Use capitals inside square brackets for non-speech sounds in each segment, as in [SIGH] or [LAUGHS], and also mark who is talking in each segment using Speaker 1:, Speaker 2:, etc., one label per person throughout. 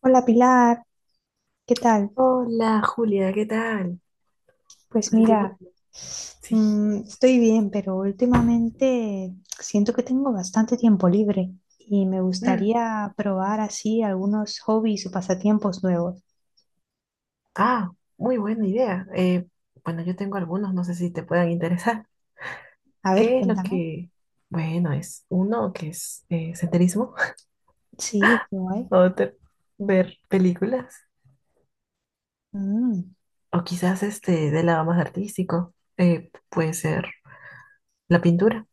Speaker 1: Hola Pilar, ¿qué tal?
Speaker 2: Hola Julia, ¿qué tal?
Speaker 1: Pues
Speaker 2: Hace tiempo
Speaker 1: mira,
Speaker 2: que no. Sí.
Speaker 1: estoy bien, pero últimamente siento que tengo bastante tiempo libre y me
Speaker 2: Mm.
Speaker 1: gustaría probar así algunos hobbies o pasatiempos nuevos.
Speaker 2: Ah, muy buena idea. Bueno, yo tengo algunos, no sé si te puedan interesar.
Speaker 1: A ver,
Speaker 2: ¿Qué es lo
Speaker 1: cuéntame.
Speaker 2: que...? Bueno, es uno que es senderismo,
Speaker 1: Sí, qué
Speaker 2: [LAUGHS]
Speaker 1: guay.
Speaker 2: otro ver películas,
Speaker 1: Mm,
Speaker 2: o quizás este del lado más artístico, puede ser la pintura,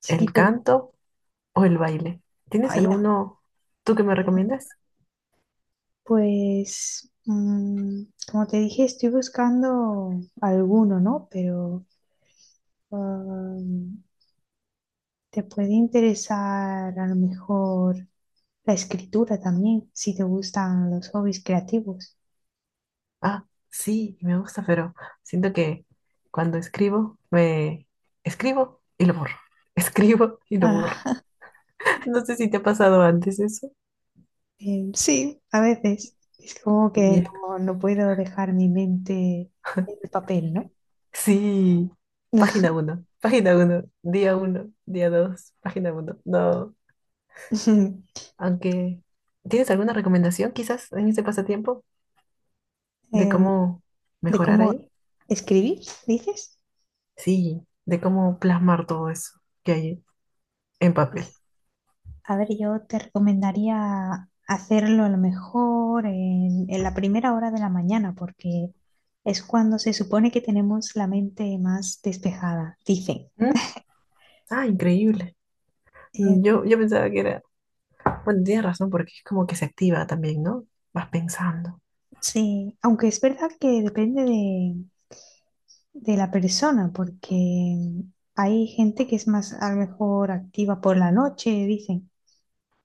Speaker 1: sí,
Speaker 2: el
Speaker 1: pero
Speaker 2: canto o el baile. ¿Tienes
Speaker 1: vaya.
Speaker 2: alguno tú que me
Speaker 1: Sí.
Speaker 2: recomiendas?
Speaker 1: Pues, como te dije, estoy buscando alguno, ¿no? Pero um, te puede interesar a lo mejor. La escritura también, si te gustan los hobbies creativos.
Speaker 2: Ah, sí, me gusta, pero siento que cuando escribo, me escribo y lo borro. [LAUGHS] Escribo y lo borro.
Speaker 1: Ah,
Speaker 2: [LAUGHS] No sé si te ha pasado antes eso.
Speaker 1: sí, a veces. Es como
Speaker 2: Y
Speaker 1: que
Speaker 2: es-
Speaker 1: no puedo dejar mi mente en el
Speaker 2: [LAUGHS]
Speaker 1: papel, ¿no?
Speaker 2: Sí,
Speaker 1: [LAUGHS]
Speaker 2: página uno, día 2, página uno. No, aunque... ¿Tienes alguna recomendación quizás en ese pasatiempo de
Speaker 1: Em,
Speaker 2: cómo
Speaker 1: de
Speaker 2: mejorar
Speaker 1: cómo
Speaker 2: ahí?
Speaker 1: escribir, dices.
Speaker 2: Sí, de cómo plasmar todo eso que hay en papel.
Speaker 1: Pues, a ver, yo te recomendaría hacerlo a lo mejor en la primera hora de la mañana, porque es cuando se supone que tenemos la mente más despejada, dicen.
Speaker 2: ¿Mm? Ah, increíble. Yo pensaba que era. Bueno, tienes razón, porque es como que se activa también, ¿no? Vas pensando,
Speaker 1: Sí, aunque es verdad que depende de la persona, porque hay gente que es más a lo mejor activa por la noche, dicen.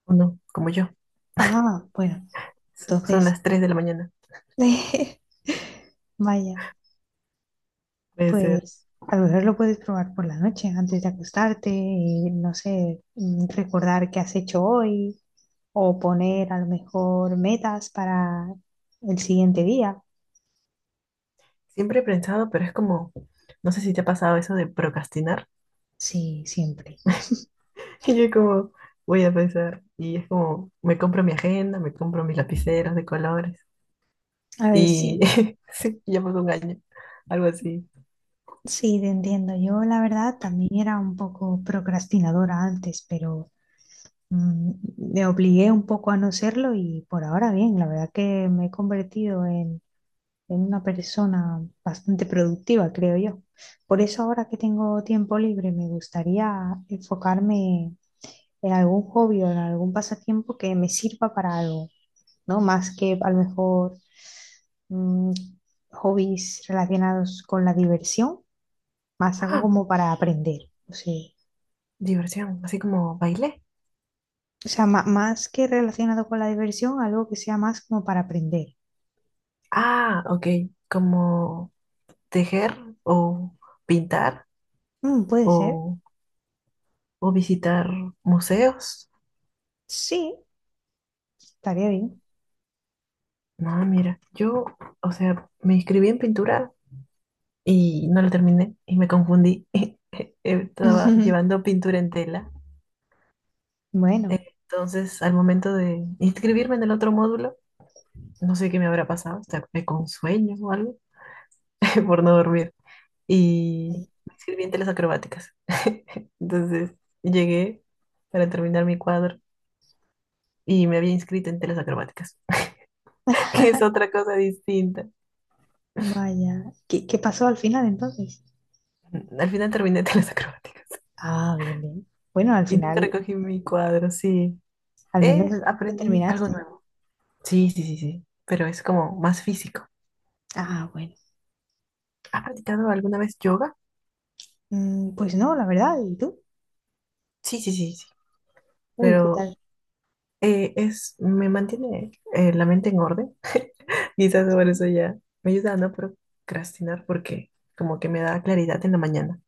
Speaker 2: o no, como yo.
Speaker 1: Ah, bueno,
Speaker 2: Son
Speaker 1: entonces,
Speaker 2: las 3 de la mañana.
Speaker 1: [LAUGHS] vaya,
Speaker 2: Puede ser.
Speaker 1: pues a lo mejor lo puedes probar por la noche antes de acostarte y no sé, recordar qué has hecho hoy o poner a lo mejor metas para el siguiente día.
Speaker 2: Siempre he pensado, pero es como, no sé si te ha pasado eso de procrastinar.
Speaker 1: Sí, siempre.
Speaker 2: [LAUGHS] Y yo como, voy a pensar. Y es como, me compro mi agenda, me compro mis lapiceros de colores.
Speaker 1: A ver, sí.
Speaker 2: Y [LAUGHS] sí, ya pasó un año. Algo así.
Speaker 1: Sí, te entiendo. Yo, la verdad, también era un poco procrastinadora antes, pero mm, me obligué un poco a no serlo y por ahora bien, la verdad que me he convertido en una persona bastante productiva, creo yo. Por eso ahora que tengo tiempo libre, me gustaría enfocarme en algún hobby o en algún pasatiempo que me sirva para algo, ¿no? Más que a lo mejor mm, hobbies relacionados con la diversión más algo
Speaker 2: Ah,
Speaker 1: como para aprender. O sea,
Speaker 2: diversión, así como bailé.
Speaker 1: o sea, más que relacionado con la diversión, algo que sea más como para aprender.
Speaker 2: Ah, ok, como tejer o pintar
Speaker 1: Mm, puede ser.
Speaker 2: o o visitar museos.
Speaker 1: Sí, estaría bien.
Speaker 2: No, mira, yo, o sea, me inscribí en pintura y no la terminé y me confundí. [LAUGHS] Estaba
Speaker 1: [LAUGHS]
Speaker 2: llevando pintura en tela.
Speaker 1: Bueno,
Speaker 2: Entonces, al momento de inscribirme en el otro módulo, no sé qué me habrá pasado, o sea, me con sueño o algo [LAUGHS] por no dormir. Y
Speaker 1: ay,
Speaker 2: me inscribí en telas acrobáticas. [LAUGHS] Entonces, llegué para terminar mi cuadro y me había inscrito en telas acrobáticas, [LAUGHS] que es otra cosa distinta.
Speaker 1: vaya. ¿Qué, qué pasó al final entonces?
Speaker 2: Al final terminé telas acrobáticas.
Speaker 1: Ah, bien, bien. Bueno, al
Speaker 2: Y nunca
Speaker 1: final,
Speaker 2: recogí mi cuadro, sí.
Speaker 1: al menos
Speaker 2: Eh,
Speaker 1: lo
Speaker 2: aprendí algo
Speaker 1: terminaste. ¿No?
Speaker 2: nuevo. Sí, sí, sí, sí. Pero es como más físico.
Speaker 1: Ah, bueno.
Speaker 2: ¿Has practicado alguna vez yoga?
Speaker 1: Mm, pues no, la verdad. ¿Y tú?
Speaker 2: Sí, sí, sí, sí.
Speaker 1: Uy, ¿qué
Speaker 2: Pero
Speaker 1: tal?
Speaker 2: me mantiene la mente en orden. [LAUGHS] Quizás por eso ya me ayuda a no procrastinar porque como que me da claridad en la mañana.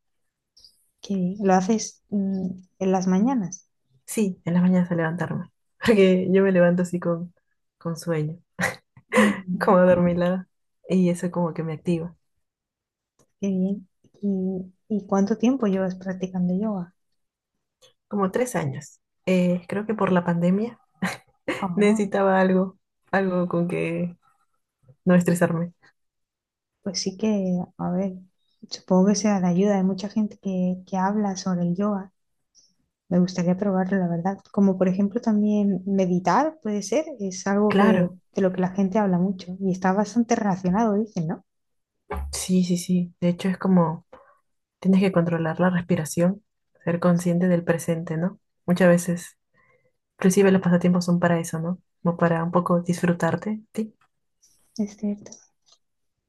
Speaker 1: Qué bien. ¿Lo haces, en las mañanas?
Speaker 2: Sí, en las mañanas a levantarme. [LAUGHS] Porque yo me levanto así con sueño, [LAUGHS]
Speaker 1: Mm,
Speaker 2: como adormilada. Y eso como que me activa.
Speaker 1: qué bien. Y cuánto tiempo llevas practicando yoga?
Speaker 2: Como 3 años. Creo que por la pandemia.
Speaker 1: Ah,
Speaker 2: Necesitaba algo, algo con que no estresarme.
Speaker 1: pues sí que, a ver, supongo que sea de ayuda. Hay mucha gente que habla sobre el yoga. Me gustaría probarlo, la verdad. Como por ejemplo también meditar, puede ser. Es algo que,
Speaker 2: Claro,
Speaker 1: de lo que la gente habla mucho y está bastante relacionado, dicen, ¿no?
Speaker 2: sí, sí, sí. De hecho, es como tienes que controlar la respiración, ser consciente del presente, ¿no? Muchas veces, inclusive los pasatiempos son para eso, ¿no? Como para un poco disfrutarte, ¿sí?
Speaker 1: Es cierto.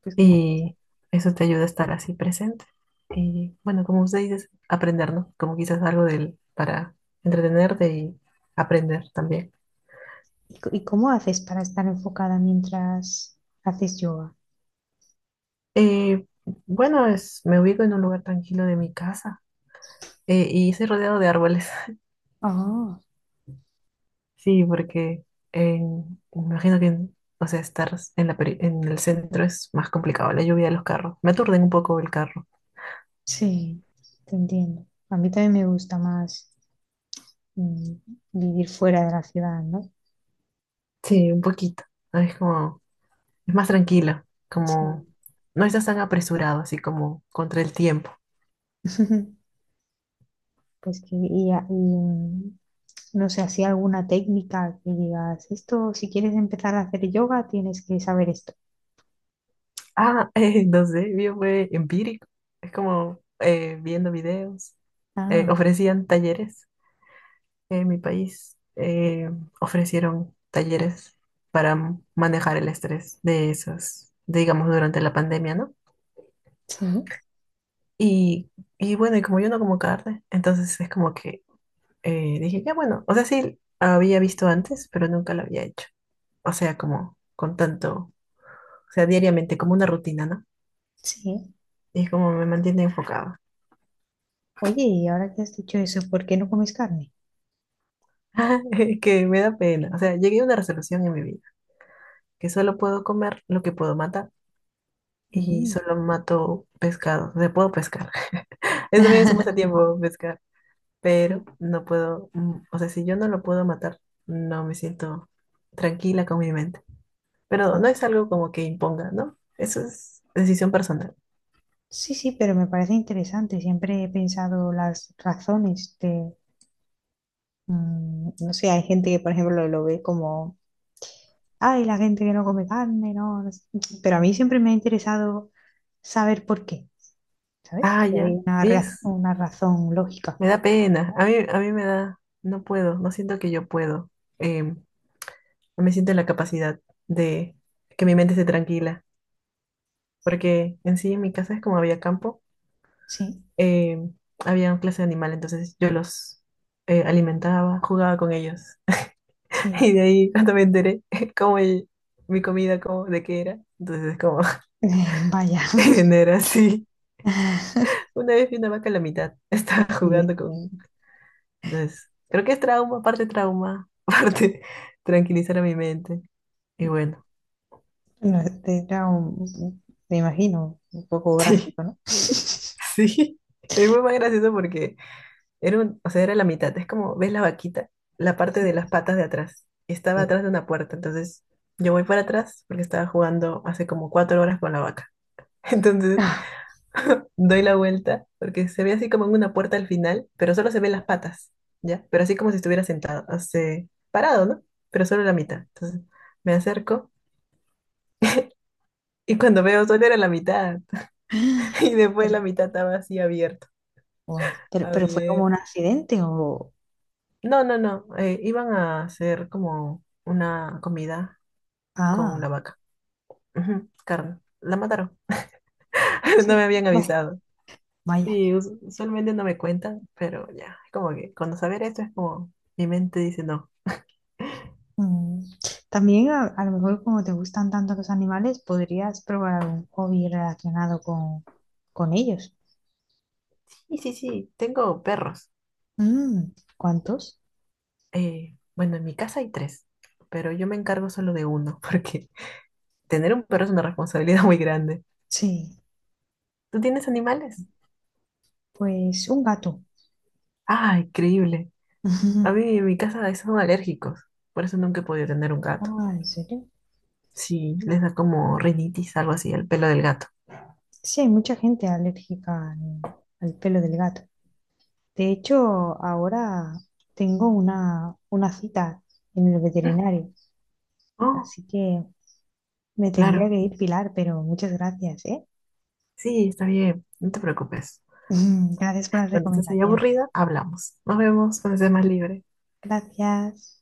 Speaker 1: Pues que-
Speaker 2: Y eso te ayuda a estar así presente. Y bueno, como usted dice, aprender, ¿no? Como quizás algo del, para entretenerte y aprender también.
Speaker 1: ¿Y, y cómo haces para estar enfocada mientras haces yoga?
Speaker 2: Eh, bueno, me ubico en un lugar tranquilo de mi casa. Y estoy rodeado de árboles. [LAUGHS]
Speaker 1: Ah,
Speaker 2: Sí, porque me imagino que, o sea, estar en en el centro es más complicado, la lluvia de los carros. Me aturden un poco el carro.
Speaker 1: sí, te entiendo. A mí también me gusta más, mm, vivir fuera de la ciudad, ¿no?
Speaker 2: Sí, un poquito. ¿No? Es como, es más tranquilo,
Speaker 1: Sí.
Speaker 2: como no estás tan apresurado, así como contra el tiempo.
Speaker 1: [LAUGHS] Pues que, y, no sé, así alguna técnica que digas, esto, si quieres empezar a hacer yoga, tienes que saber esto.
Speaker 2: Ah, [LAUGHS] no sé, yo fue empírico. Es como viendo videos. eh,
Speaker 1: Ah,
Speaker 2: ofrecían talleres en mi país. Ofrecieron talleres para manejar el estrés de esas, digamos, durante la pandemia, ¿no?
Speaker 1: sí,
Speaker 2: Y, y bueno, y como yo no como carne, entonces es como que dije, ya bueno, o sea, sí, había visto antes, pero nunca lo había hecho. O sea, como con tanto, o sea, diariamente, como una rutina, ¿no?
Speaker 1: sí.
Speaker 2: Y es como me mantiene enfocada.
Speaker 1: Oye, y ahora que has dicho eso, ¿por qué no comes carne?
Speaker 2: [LAUGHS] Que me da pena. O sea, llegué a una resolución en mi vida, que solo puedo comer lo que puedo matar. Y
Speaker 1: Mm.
Speaker 2: solo mato pescado. O sea, puedo pescar. [LAUGHS] Eso también es un
Speaker 1: [LAUGHS]
Speaker 2: pasatiempo pescar, pero
Speaker 1: Mm,
Speaker 2: no puedo, o sea, si yo no lo puedo matar, no me siento tranquila con mi mente. Pero
Speaker 1: ah,
Speaker 2: no es algo como que imponga, ¿no? Eso es decisión personal.
Speaker 1: sí, sí, pero me parece interesante. Siempre he pensado las razones de, no sé, hay gente que, por ejemplo, lo ve como, ay, la gente que no come carne, no, no sé". Pero a mí siempre me ha interesado saber por qué,
Speaker 2: Ah,
Speaker 1: ¿sabes? Si hay
Speaker 2: ya.
Speaker 1: una,
Speaker 2: Y
Speaker 1: una razón lógica.
Speaker 2: me da pena. A mí me da, no puedo, no siento que yo puedo. No me siento en la capacidad de que mi mente esté tranquila, porque en sí en mi casa es como había campo.
Speaker 1: Sí.
Speaker 2: eh, había una clase de animal, entonces yo los alimentaba, jugaba con ellos. [LAUGHS]
Speaker 1: Sí,
Speaker 2: Y de ahí cuando me enteré [LAUGHS] cómo mi comida, cómo, de qué era, entonces es como
Speaker 1: vaya.
Speaker 2: [LAUGHS] se genera así.
Speaker 1: [LAUGHS]
Speaker 2: Una vez vi una vaca a la mitad, [LAUGHS] estaba
Speaker 1: Sí,
Speaker 2: jugando con... Entonces, creo que es trauma, parte trauma, [LAUGHS] parte tranquilizar a mi mente. Y bueno,
Speaker 1: no, este era un, me imagino, un poco
Speaker 2: [LAUGHS] sí,
Speaker 1: gráfico, ¿no?
Speaker 2: sí. Es muy más gracioso porque o sea, era la mitad. Es como, ¿ves la vaquita? La parte
Speaker 1: Sí.
Speaker 2: de las patas de atrás. Estaba
Speaker 1: Sí.
Speaker 2: atrás de una puerta. Entonces, yo voy para atrás porque estaba jugando hace como 4 horas con la vaca. [LAUGHS] Entonces,
Speaker 1: Ah,
Speaker 2: [LAUGHS] doy la vuelta porque se ve así como en una puerta al final, pero solo se ven las patas, ¿ya? Pero así como si estuviera sentado, o sea, parado, ¿no? Pero solo la mitad. Entonces, me acerco y cuando veo solo era la mitad. [LAUGHS] Y después la
Speaker 1: pero,
Speaker 2: mitad estaba así abierto.
Speaker 1: wow. Pero fue como un
Speaker 2: Abierto.
Speaker 1: accidente o...
Speaker 2: No, no, no. Iban a hacer como una comida con la
Speaker 1: Ah,
Speaker 2: vaca. Ujú, carne. La mataron. [LAUGHS] No
Speaker 1: sí.
Speaker 2: me habían
Speaker 1: Bueno,
Speaker 2: avisado.
Speaker 1: vaya.
Speaker 2: Sí, usualmente no me cuentan, pero ya, es como que cuando saber esto es como mi mente dice no.
Speaker 1: Mm. También a lo mejor como te gustan tanto los animales, podrías probar algún hobby relacionado con ellos.
Speaker 2: Sí, sí, sí, tengo perros.
Speaker 1: Mm, ¿cuántos?
Speaker 2: Bueno, en mi casa hay tres, pero yo me encargo solo de uno, [LAUGHS] porque tener un perro es una responsabilidad muy grande.
Speaker 1: Sí,
Speaker 2: ¿Tú tienes animales?
Speaker 1: pues un gato.
Speaker 2: Ah, increíble. A mí
Speaker 1: [LAUGHS]
Speaker 2: en mi casa son alérgicos, por eso nunca he podido tener un gato.
Speaker 1: Ah, ¿en serio?
Speaker 2: Sí, les da como rinitis, algo así, el pelo del gato.
Speaker 1: Sí, hay mucha gente alérgica al, al pelo del gato. De hecho, ahora tengo una cita en el
Speaker 2: [LAUGHS]
Speaker 1: veterinario,
Speaker 2: Oh,
Speaker 1: así que me tendría
Speaker 2: claro.
Speaker 1: que ir, Pilar, pero muchas gracias, ¿eh?
Speaker 2: Sí, está bien, no te preocupes.
Speaker 1: [LAUGHS] Gracias por las
Speaker 2: Cuando estés ahí
Speaker 1: recomendaciones.
Speaker 2: aburrida, hablamos. Nos vemos cuando estés más libre.
Speaker 1: Gracias.